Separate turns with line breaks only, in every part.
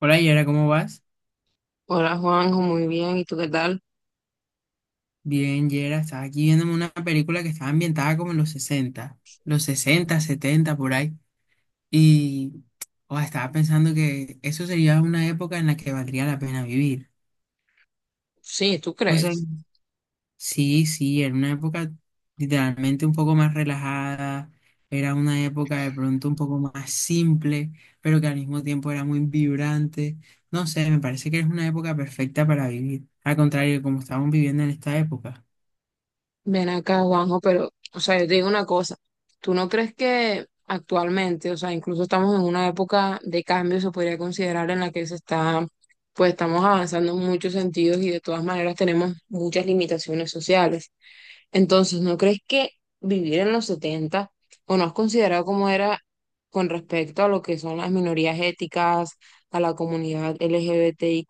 Hola Yera, ¿cómo vas?
Hola Juanjo, muy bien. ¿Y tú qué tal?
Bien, Yera, estaba aquí viéndome una película que estaba ambientada como en los 60, 70 por ahí. Y oh, estaba pensando que eso sería una época en la que valdría la pena vivir.
Sí, ¿tú
No sé,
crees?
sí, sí, era una época literalmente un poco más relajada, era una época de pronto un poco más simple, pero que al mismo tiempo era muy vibrante. No sé, me parece que es una época perfecta para vivir. Al contrario, de como estamos viviendo en esta época.
Ven acá, Juanjo, pero, o sea, yo te digo una cosa. ¿Tú no crees que actualmente, o sea, incluso estamos en una época de cambio, se podría considerar en la que se está, pues estamos avanzando en muchos sentidos y de todas maneras tenemos muchas limitaciones sociales? Entonces, ¿no crees que vivir en los 70 o no has considerado cómo era con respecto a lo que son las minorías éticas, a la comunidad LGBTIQ+,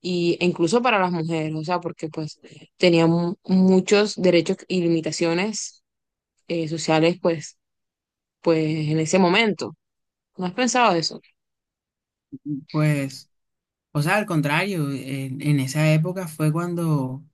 y, e incluso para las mujeres, o sea, porque pues tenían muchos derechos y limitaciones sociales pues, pues en ese momento. ¿No has pensado eso?
Pues, o sea, al contrario, en esa época fue cuando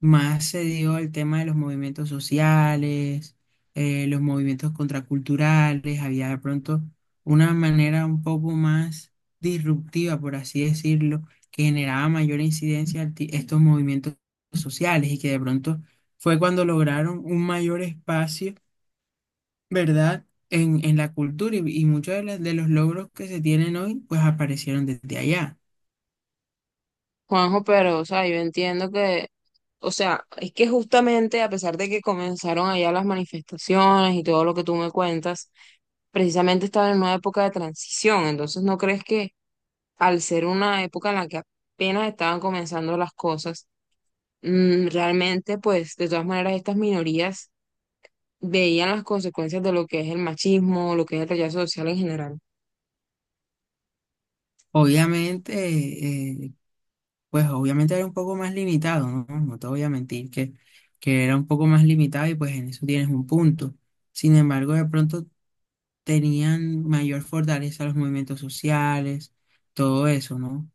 más se dio el tema de los movimientos sociales, los movimientos contraculturales, había de pronto una manera un poco más disruptiva, por así decirlo, que generaba mayor incidencia estos movimientos sociales y que de pronto fue cuando lograron un mayor espacio, ¿verdad? En la cultura y muchos de los logros que se tienen hoy, pues aparecieron desde allá.
Juanjo, pero, o sea, yo entiendo que, o sea, es que justamente a pesar de que comenzaron allá las manifestaciones y todo lo que tú me cuentas, precisamente estaba en una época de transición. Entonces, ¿no crees que al ser una época en la que apenas estaban comenzando las cosas, realmente pues de todas maneras estas minorías veían las consecuencias de lo que es el machismo, lo que es el rechazo social en general?
Obviamente, eh, pues obviamente era un poco más limitado, ¿no? No te voy a mentir que era un poco más limitado y pues en eso tienes un punto. Sin embargo, de pronto tenían mayor fortaleza los movimientos sociales, todo eso, ¿no?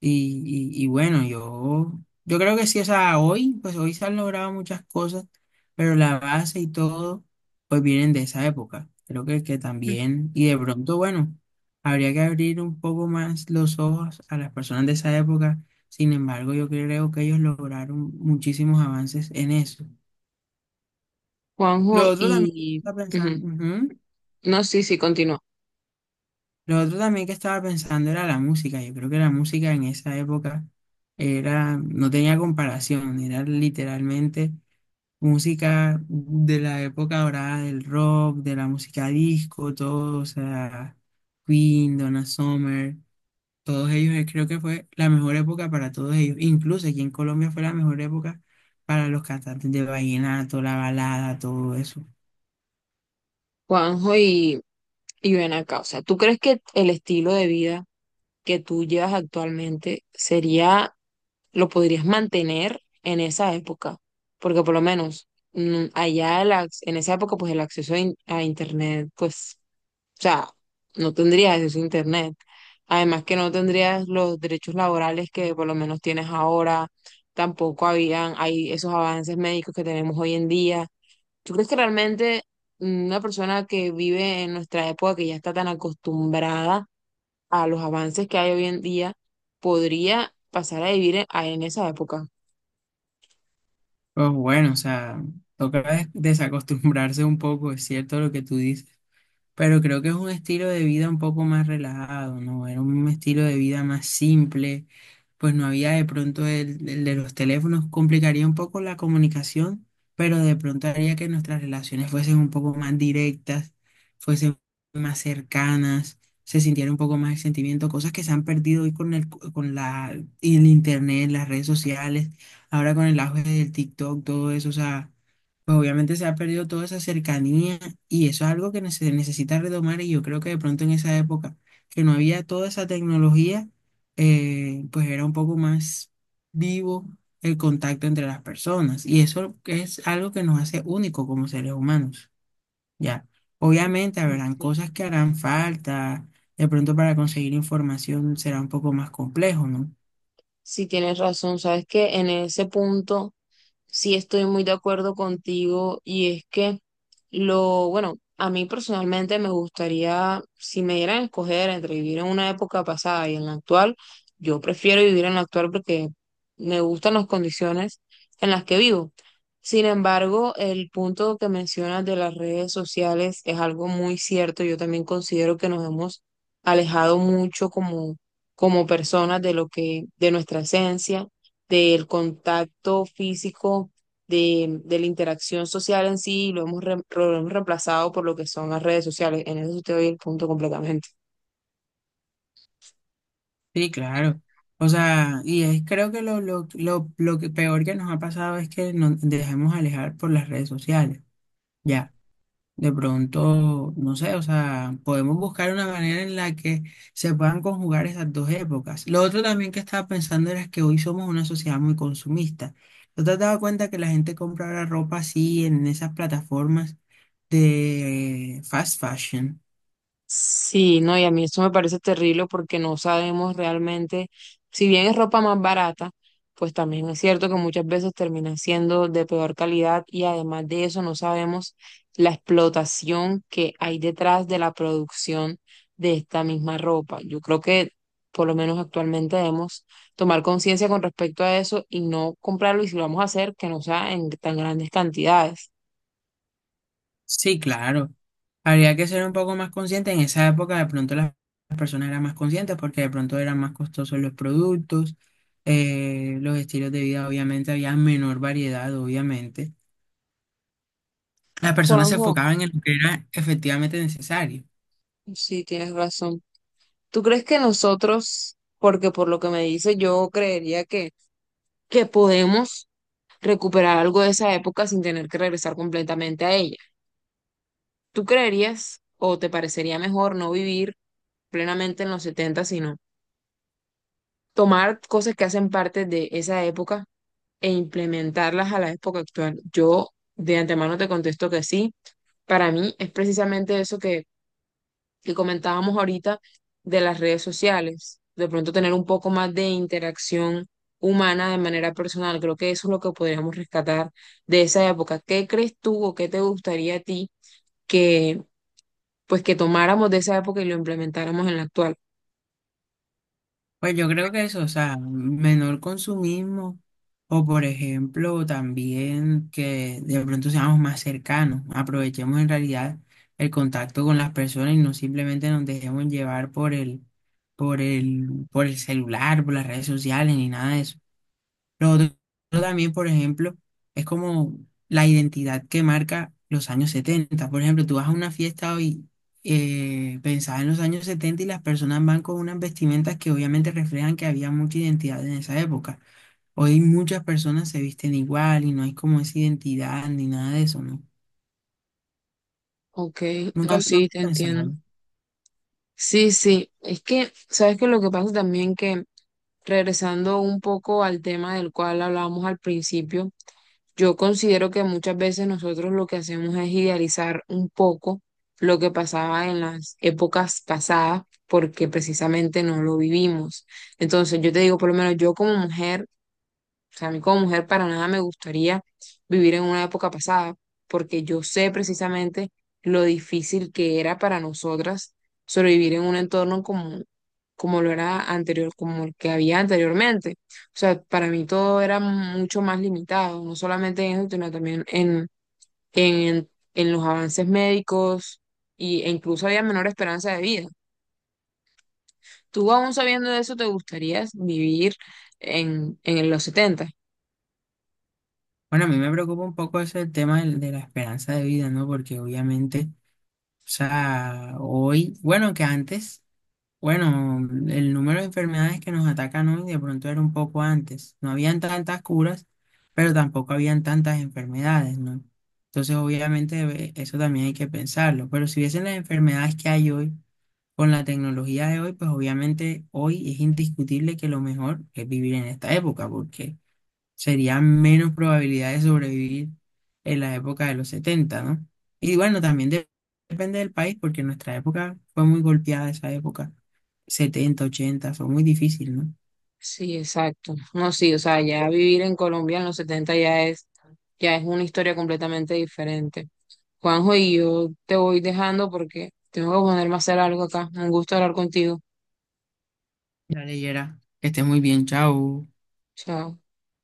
Y bueno, yo creo que sí, o sea, hoy, pues hoy se han logrado muchas cosas, pero la base y todo, pues vienen de esa época. Creo que también, y de pronto, bueno, habría que abrir un poco más los ojos a las personas de esa época. Sin embargo, yo creo que ellos lograron muchísimos avances en eso.
Juanjo,
Lo otro también que
y...
está
Ujú.
pensando, ujú.
No, sí, sí, continúa.
Lo otro también que estaba pensando era la música. Yo creo que la música en esa época era, no tenía comparación, era literalmente música de la época dorada del rock, de la música disco, todo, o sea, Queen, Donna Summer, todos ellos, creo que fue la mejor época para todos ellos. Incluso aquí en Colombia fue la mejor época para los cantantes de vallenato, la balada, todo eso.
Juanjo, y ven acá, o sea, ¿tú crees que el estilo de vida que tú llevas actualmente sería, lo podrías mantener en esa época? Porque por lo menos allá en esa época, pues el acceso a, a internet, pues, o sea, no tendrías acceso a internet. Además que no tendrías los derechos laborales que por lo menos tienes ahora, tampoco habían, hay esos avances médicos que tenemos hoy en día. ¿Tú crees que realmente una persona que vive en nuestra época, que ya está tan acostumbrada a los avances que hay hoy en día, podría pasar a vivir en, en esa época?
Pues bueno, o sea, toca desacostumbrarse un poco, es cierto lo que tú dices. Pero creo que es un estilo de vida un poco más relajado, ¿no? Era un estilo de vida más simple, pues no había de pronto el de los teléfonos, complicaría un poco la comunicación, pero de pronto haría que nuestras relaciones fuesen un poco más directas, fuesen más cercanas, se sintiera un poco más el sentimiento, cosas que se han perdido hoy con el, con la, y el internet, las redes sociales, ahora con el auge del TikTok, todo eso, o sea, pues obviamente se ha perdido toda esa cercanía y eso es algo que se necesita retomar, y yo creo que de pronto en esa época que no había toda esa tecnología, pues era un poco más vivo el contacto entre las personas. Y eso es algo que nos hace únicos como seres humanos, ¿ya? Obviamente habrán
Sí.
cosas que harán falta, de pronto para conseguir información será un poco más complejo, ¿no?
Sí, tienes razón, sabes que en ese punto sí estoy muy de acuerdo contigo y es que lo, bueno, a mí personalmente me gustaría. Si me dieran a escoger entre vivir en una época pasada y en la actual, yo prefiero vivir en la actual porque me gustan las condiciones en las que vivo. Sin embargo, el punto que mencionas de las redes sociales es algo muy cierto. Yo también considero que nos hemos alejado mucho como personas, de lo que, de nuestra esencia, del contacto físico, de la interacción social en sí, y lo hemos, lo hemos reemplazado por lo que son las redes sociales. En eso te doy el punto completamente.
Sí, claro. O sea, y es, creo que lo que peor que nos ha pasado es que nos dejemos alejar por las redes sociales. Ya. De pronto, no sé, o sea, podemos buscar una manera en la que se puedan conjugar esas dos épocas. Lo otro también que estaba pensando era que hoy somos una sociedad muy consumista. ¿No te has dado cuenta que la gente compra ahora ropa así en esas plataformas de fast fashion?
Sí, no, y a mí eso me parece terrible porque no sabemos realmente, si bien es ropa más barata, pues también es cierto que muchas veces termina siendo de peor calidad y además de eso no sabemos la explotación que hay detrás de la producción de esta misma ropa. Yo creo que por lo menos actualmente debemos tomar conciencia con respecto a eso y no comprarlo, y si lo vamos a hacer, que no sea en tan grandes cantidades.
Sí, claro. Habría que ser un poco más consciente. En esa época de pronto las personas eran más conscientes porque de pronto eran más costosos los productos, los estilos de vida, obviamente, había menor variedad, obviamente. La persona se
Juanjo,
enfocaba en lo que era efectivamente necesario.
sí, tienes razón. ¿Tú crees que nosotros, porque por lo que me dice, yo creería que podemos recuperar algo de esa época sin tener que regresar completamente a ella? ¿Tú creerías o te parecería mejor no vivir plenamente en los 70, sino tomar cosas que hacen parte de esa época e implementarlas a la época actual? Yo de antemano te contesto que sí. Para mí es precisamente eso que comentábamos ahorita de las redes sociales, de pronto tener un poco más de interacción humana de manera personal. Creo que eso es lo que podríamos rescatar de esa época. ¿Qué crees tú o qué te gustaría a ti que pues que tomáramos de esa época y lo implementáramos en la actual?
Pues yo creo que eso, o sea, menor consumismo, o por ejemplo también que de pronto seamos más cercanos, aprovechemos en realidad el contacto con las personas y no simplemente nos dejemos llevar por el celular, por las redes sociales ni nada de eso. Lo otro también, por ejemplo, es como la identidad que marca los años setenta. Por ejemplo, tú vas a una fiesta hoy pensada en los años 70 y las personas van con unas vestimentas que obviamente reflejan que había mucha identidad en esa época. Hoy muchas personas se visten igual y no hay como esa identidad ni nada de eso, ¿no?
Ok,
Nunca
no,
lo no lo
sí, te
he pensado.
entiendo.
¿No?
Sí, sí, es que, ¿sabes qué? Lo que pasa también que, regresando un poco al tema del cual hablábamos al principio, yo considero que muchas veces nosotros lo que hacemos es idealizar un poco lo que pasaba en las épocas pasadas porque precisamente no lo vivimos. Entonces, yo te digo, por lo menos yo como mujer, o sea, a mí como mujer para nada me gustaría vivir en una época pasada, porque yo sé precisamente lo difícil que era para nosotras sobrevivir en un entorno como, como lo era anterior, como el que había anteriormente. O sea, para mí todo era mucho más limitado, no solamente en eso, sino también en, en los avances médicos y, e incluso había menor esperanza de vida. ¿Tú aún sabiendo de eso te gustaría vivir en los setenta?
Bueno, a mí me preocupa un poco ese tema de la esperanza de vida, ¿no? Porque obviamente, o sea, hoy, bueno, que antes. Bueno, el número de enfermedades que nos atacan hoy de pronto era un poco antes. No habían tantas curas, pero tampoco habían tantas enfermedades, ¿no? Entonces, obviamente, eso también hay que pensarlo. Pero si viesen las enfermedades que hay hoy, con la tecnología de hoy, pues obviamente hoy es indiscutible que lo mejor es vivir en esta época, porque sería menos probabilidad de sobrevivir en la época de los setenta, ¿no? Y bueno, también depende del país, porque nuestra época fue muy golpeada, esa época 70 80 fue muy difícil, ¿no?
Sí, exacto. No, sí, o sea, ya vivir en Colombia en los 70 ya es una historia completamente diferente. Juanjo, y yo te voy dejando porque tengo que ponerme a hacer algo acá. Un gusto hablar contigo.
Ya leyera. Que esté muy bien, chao.
Chao.